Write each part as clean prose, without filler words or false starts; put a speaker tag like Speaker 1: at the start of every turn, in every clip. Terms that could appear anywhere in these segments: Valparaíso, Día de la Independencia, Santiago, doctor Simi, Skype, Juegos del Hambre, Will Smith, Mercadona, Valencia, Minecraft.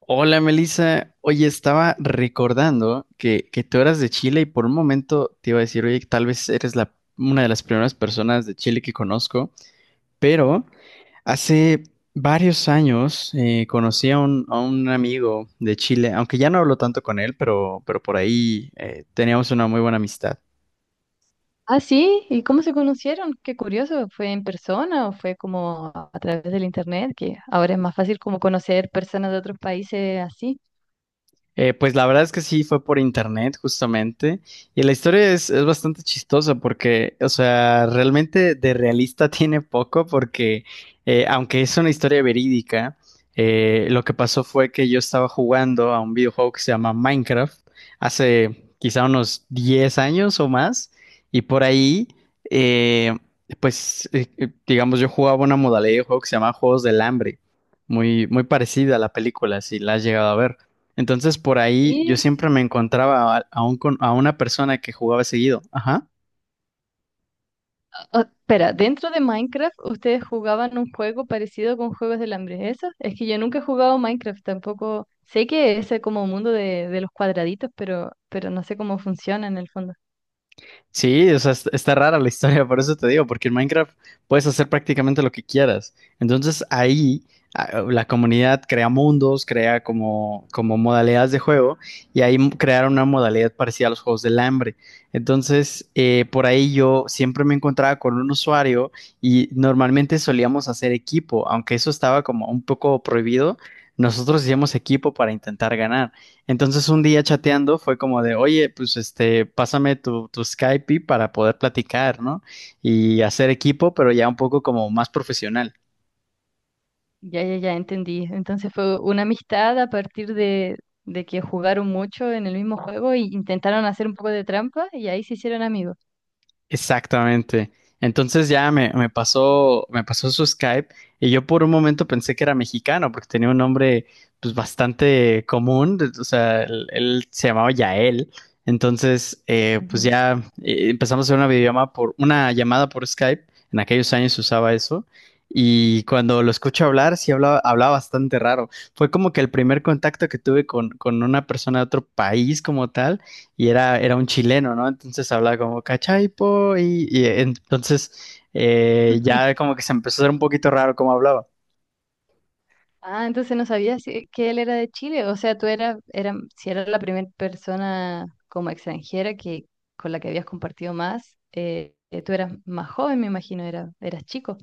Speaker 1: Hola Melissa, oye, estaba recordando que tú eras de Chile y por un momento te iba a decir, oye, tal vez una de las primeras personas de Chile que conozco, pero hace varios años conocí a a un amigo de Chile, aunque ya no hablo tanto con él, pero por ahí teníamos una muy buena amistad.
Speaker 2: Ah, sí, ¿y cómo se conocieron? Qué curioso, ¿fue en persona o fue como a través del internet? Que ahora es más fácil como conocer personas de otros países así.
Speaker 1: Pues la verdad es que sí, fue por internet justamente. Y la historia es bastante chistosa porque, o sea, realmente de realista tiene poco porque, aunque es una historia verídica, lo que pasó fue que yo estaba jugando a un videojuego que se llama Minecraft hace quizá unos 10 años o más. Y por ahí, eh, pues, digamos, yo jugaba una modalidad de juego que se llama Juegos del Hambre. Muy, muy parecida a la película, si la has llegado a ver. Entonces por ahí yo
Speaker 2: Sí,
Speaker 1: siempre
Speaker 2: sí.
Speaker 1: me encontraba a una persona que jugaba seguido. Ajá.
Speaker 2: O- espera, dentro de Minecraft ustedes jugaban un juego parecido con Juegos del Hambre, ¿eso? Es que yo nunca he jugado Minecraft, tampoco sé que es como mundo de los cuadraditos, pero no sé cómo funciona en el fondo.
Speaker 1: Sí, o sea, está rara la historia, por eso te digo, porque en Minecraft puedes hacer prácticamente lo que quieras. Entonces ahí la comunidad crea mundos, como modalidades de juego y ahí crearon una modalidad parecida a los juegos del hambre. Entonces, por ahí yo siempre me encontraba con un usuario y normalmente solíamos hacer equipo, aunque eso estaba como un poco prohibido, nosotros hacíamos equipo para intentar ganar. Entonces un día chateando fue como de, oye, pues este, pásame tu Skype para poder platicar, ¿no? Y hacer equipo, pero ya un poco como más profesional.
Speaker 2: Ya, ya, ya entendí. Entonces fue una amistad a partir de que jugaron mucho en el mismo juego e intentaron hacer un poco de trampa y ahí se hicieron amigos.
Speaker 1: Exactamente. Entonces ya me pasó su Skype y yo por un momento pensé que era mexicano porque tenía un nombre pues bastante común, de- o sea, él se llamaba Yael. Entonces, pues
Speaker 2: Ujú.
Speaker 1: ya empezamos a hacer una videollamada por una llamada por Skype. En aquellos años se usaba eso. Y cuando lo escucho hablar, sí hablaba bastante raro. Fue como que el primer contacto que tuve con una persona de otro país como tal y era un chileno, ¿no? Entonces hablaba como cachaipo y entonces ya como que se empezó a hacer un poquito raro cómo hablaba.
Speaker 2: Ah, entonces no sabías si- que él era de Chile. O sea, tú eras, era, si eras la primera persona como extranjera que, con la que habías compartido más, tú eras más joven, me imagino, era, eras chico.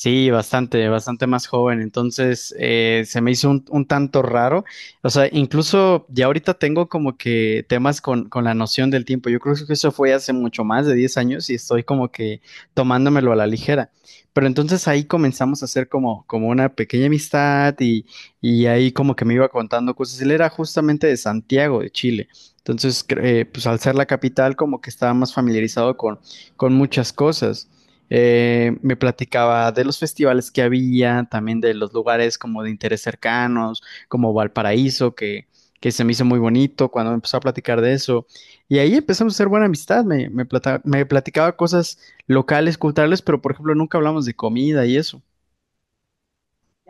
Speaker 1: Sí, bastante, bastante más joven. Entonces, se me hizo un tanto raro. O sea, incluso ya ahorita tengo como que temas con la noción del tiempo. Yo creo que eso fue hace mucho más de 10 años y estoy como que tomándomelo a la ligera. Pero entonces ahí comenzamos a hacer como, como una pequeña amistad y ahí como que me iba contando cosas. Él era justamente de Santiago, de Chile. Entonces, pues al ser la capital, como que estaba más familiarizado con muchas cosas. Me platicaba de los festivales que había, también de los lugares como de interés cercanos, como Valparaíso, que se me hizo muy bonito cuando me empezó a platicar de eso. Y ahí empezamos a hacer buena amistad, me platicaba cosas locales, culturales, pero por ejemplo nunca hablamos de comida y eso.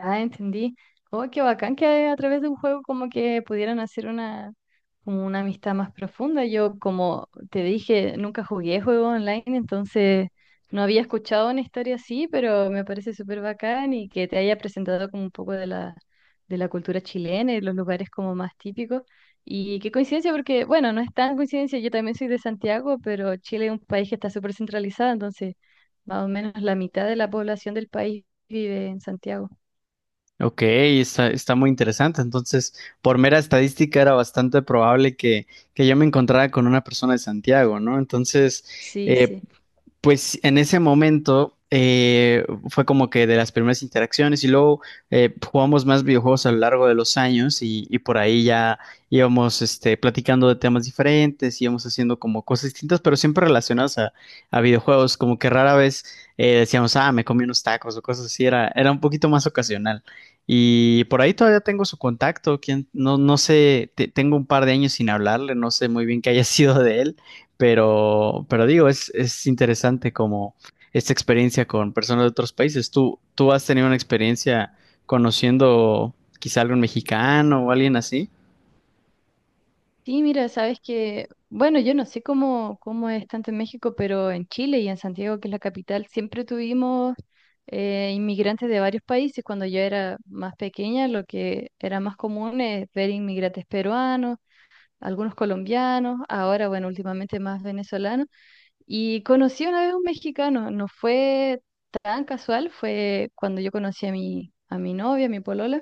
Speaker 2: Ya entendí. Oh, qué bacán que a través de un juego como que pudieran hacer una, como una amistad más profunda. Yo, como te dije, nunca jugué juego online, entonces no había escuchado una historia así, pero me parece súper bacán y que te haya presentado como un poco de la cultura chilena y los lugares como más típicos. Y qué coincidencia, porque bueno, no es tan coincidencia, yo también soy de Santiago, pero Chile es un país que está súper centralizado, entonces más o menos la mitad de la población del país vive en Santiago.
Speaker 1: Ok, está muy interesante. Entonces, por mera estadística era bastante probable que yo me encontrara con una persona de Santiago, ¿no? Entonces,
Speaker 2: Sí,
Speaker 1: eh,
Speaker 2: sí.
Speaker 1: pues en ese momento fue como que de las primeras interacciones y luego jugamos más videojuegos a lo largo de los años y por ahí ya íbamos este, platicando de temas diferentes, íbamos haciendo como cosas distintas, pero siempre relacionadas a videojuegos, como que rara vez decíamos, ah, me comí unos tacos o cosas así, era un poquito más ocasional. Y por ahí todavía tengo su contacto, quien, no, no sé, te- tengo un par de años sin hablarle, no sé muy bien qué haya sido de él, pero digo, es interesante como esta experiencia con personas de otros países. Tú has tenido una experiencia conociendo quizá algún mexicano o alguien así?
Speaker 2: Sí, mira, sabes que, bueno, yo no sé cómo, cómo es tanto en México, pero en Chile y en Santiago, que es la capital, siempre tuvimos inmigrantes de varios países. Cuando yo era más pequeña, lo que era más común es ver inmigrantes peruanos, algunos colombianos, ahora, bueno, últimamente más venezolanos. Y conocí una vez a un mexicano, no fue tan casual, fue cuando yo conocí a mi novia, a mi polola.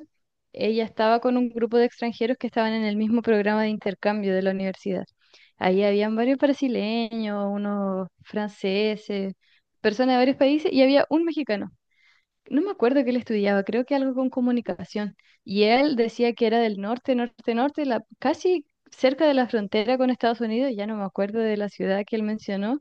Speaker 2: Ella estaba con un grupo de extranjeros que estaban en el mismo programa de intercambio de la universidad. Ahí habían varios brasileños, unos franceses, personas de varios países y había un mexicano. No me acuerdo que él estudiaba, creo que algo con comunicación. Y él decía que era del norte, norte, norte, la, casi cerca de la frontera con Estados Unidos, ya no me acuerdo de la ciudad que él mencionó,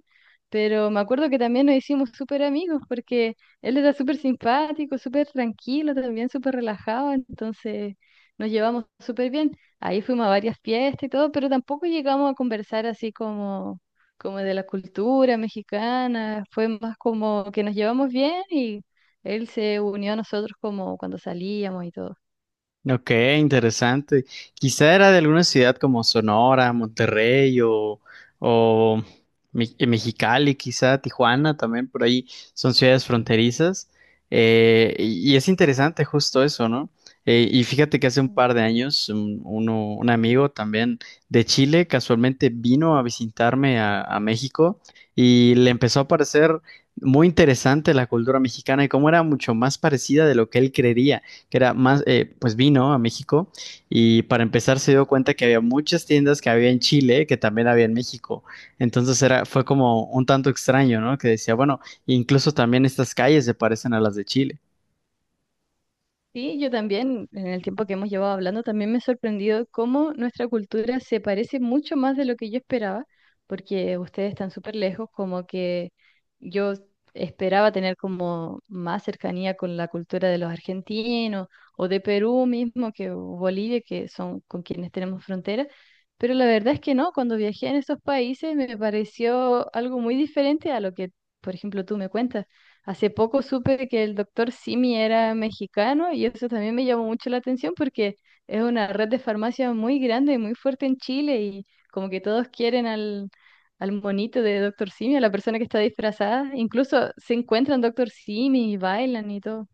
Speaker 2: pero me acuerdo que también nos hicimos súper amigos porque él era súper simpático, súper tranquilo, también súper relajado, entonces nos llevamos súper bien. Ahí fuimos a varias fiestas y todo, pero tampoco llegamos a conversar así como, como de la cultura mexicana, fue más como que nos llevamos bien y él se unió a nosotros como cuando salíamos y todo.
Speaker 1: Ok, interesante. Quizá era de alguna ciudad como Sonora, Monterrey o Mexicali, quizá Tijuana también, por ahí son ciudades fronterizas. Y es interesante justo eso, ¿no? Y fíjate que hace un par de años un amigo también de Chile casualmente vino a visitarme a México y le empezó a parecer muy interesante la cultura mexicana y cómo era mucho más parecida de lo que él creería que era más, pues vino a México y para empezar se dio cuenta que había muchas tiendas que había en Chile que también había en México. Entonces fue como un tanto extraño, ¿no? Que decía, bueno, incluso también estas calles se parecen a las de Chile.
Speaker 2: Sí, yo también, en el tiempo que hemos llevado hablando, también me he sorprendido cómo nuestra cultura se parece mucho más de lo que yo esperaba, porque ustedes están súper lejos, como que yo esperaba tener como más cercanía con la cultura de los argentinos o de Perú mismo, que o Bolivia, que son con quienes tenemos frontera, pero la verdad es que no, cuando viajé en esos países me pareció algo muy diferente a lo que, por ejemplo, tú me cuentas. Hace poco supe que el doctor Simi era mexicano y eso también me llamó mucho la atención porque es una red de farmacia muy grande y muy fuerte en Chile y como que todos quieren al, al monito de doctor Simi, a la persona que está disfrazada. Incluso se encuentran doctor Simi y bailan y todo.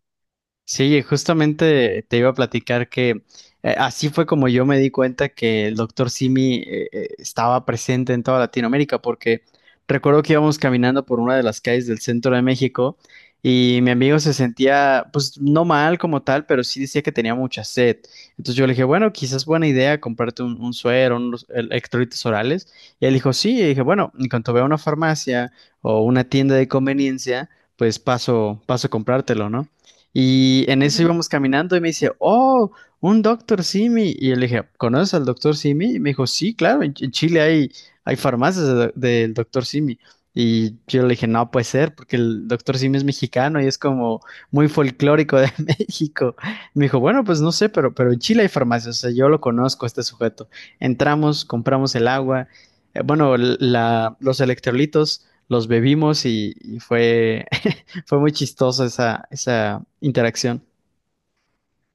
Speaker 1: Sí, justamente te iba a platicar que así fue como yo me di cuenta que el doctor Simi estaba presente en toda Latinoamérica, porque recuerdo que íbamos caminando por una de las calles del centro de México y mi amigo se sentía, pues no mal como tal, pero sí decía que tenía mucha sed. Entonces yo le dije, bueno, quizás buena idea comprarte un suero, unos electrolitos orales. Y él dijo, sí, y dije, bueno, en cuanto vea una farmacia o una tienda de conveniencia, pues paso a comprártelo, ¿no? Y en eso
Speaker 2: Ujú.
Speaker 1: íbamos caminando y me dice, oh, un doctor Simi. Y yo le dije, ¿conoces al doctor Simi? Y me dijo, sí, claro, en en Chile hay farmacias de del doctor Simi. Y yo le dije, no puede ser, porque el doctor Simi es mexicano y es como muy folclórico de México. Y me dijo, bueno, pues no sé, pero en Chile hay farmacias, o sea, yo lo conozco, a este sujeto. Entramos, compramos el agua, bueno, los electrolitos, los bebimos y fue fue muy chistoso esa, esa interacción.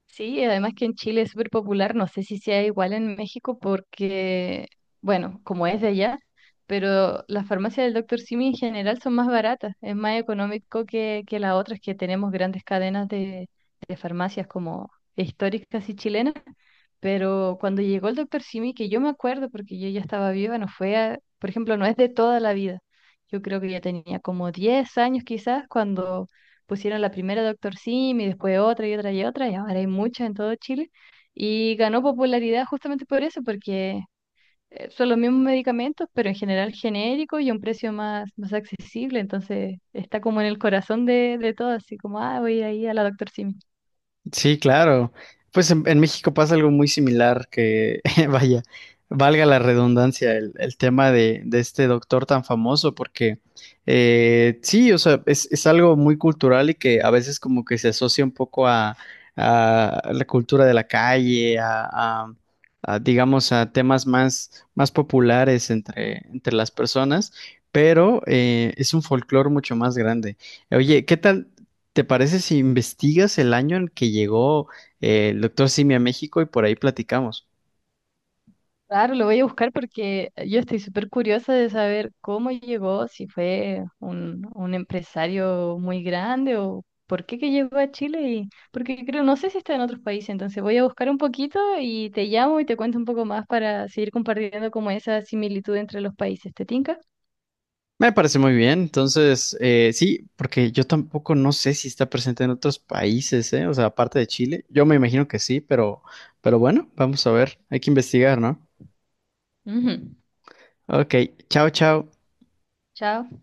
Speaker 2: Sí, además que en Chile es súper popular, no sé si sea igual en México porque, bueno, como es de allá, pero las farmacias del doctor Simi en general son más baratas, es más económico que las otras que tenemos grandes cadenas de farmacias como históricas y chilenas. Pero cuando llegó el doctor Simi, que yo me acuerdo porque yo ya estaba viva, no fue, a- por ejemplo, no es de toda la vida. Yo creo que ya tenía como 10 años quizás cuando pusieron la primera doctor Simi, después otra y otra y otra, y ahora hay muchas en todo Chile. Y ganó popularidad justamente por eso, porque son los mismos medicamentos, pero en general genéricos y a un precio más, más accesible. Entonces está como en el corazón de todo, así como, ah, voy a ir ahí a la doctor Simi.
Speaker 1: Sí, claro. Pues en México pasa algo muy similar que, vaya, valga la redundancia, el tema de este doctor tan famoso, porque sí, o sea, es algo muy cultural y que a veces como que se asocia un poco a la cultura de la calle, a- a digamos, a temas más, más populares entre las personas, pero es un folclore mucho más grande. Oye, ¿qué tal? ¿Te parece si investigas el año en que llegó el doctor Simi a México y por ahí platicamos?
Speaker 2: Claro, lo voy a buscar porque yo estoy súper curiosa de saber cómo llegó, si fue un empresario muy grande o por qué que llegó a Chile y porque creo, no sé si está en otros países, entonces voy a buscar un poquito y te llamo y te cuento un poco más para seguir compartiendo como esa similitud entre los países. ¿Te tinca?
Speaker 1: Me parece muy bien. Entonces, sí, porque yo tampoco no sé si está presente en otros países, ¿eh? O sea, aparte de Chile. Yo me imagino que sí, pero bueno, vamos a ver. Hay que investigar, ¿no?
Speaker 2: Ujú.
Speaker 1: Ok, chao, chao.
Speaker 2: Chao.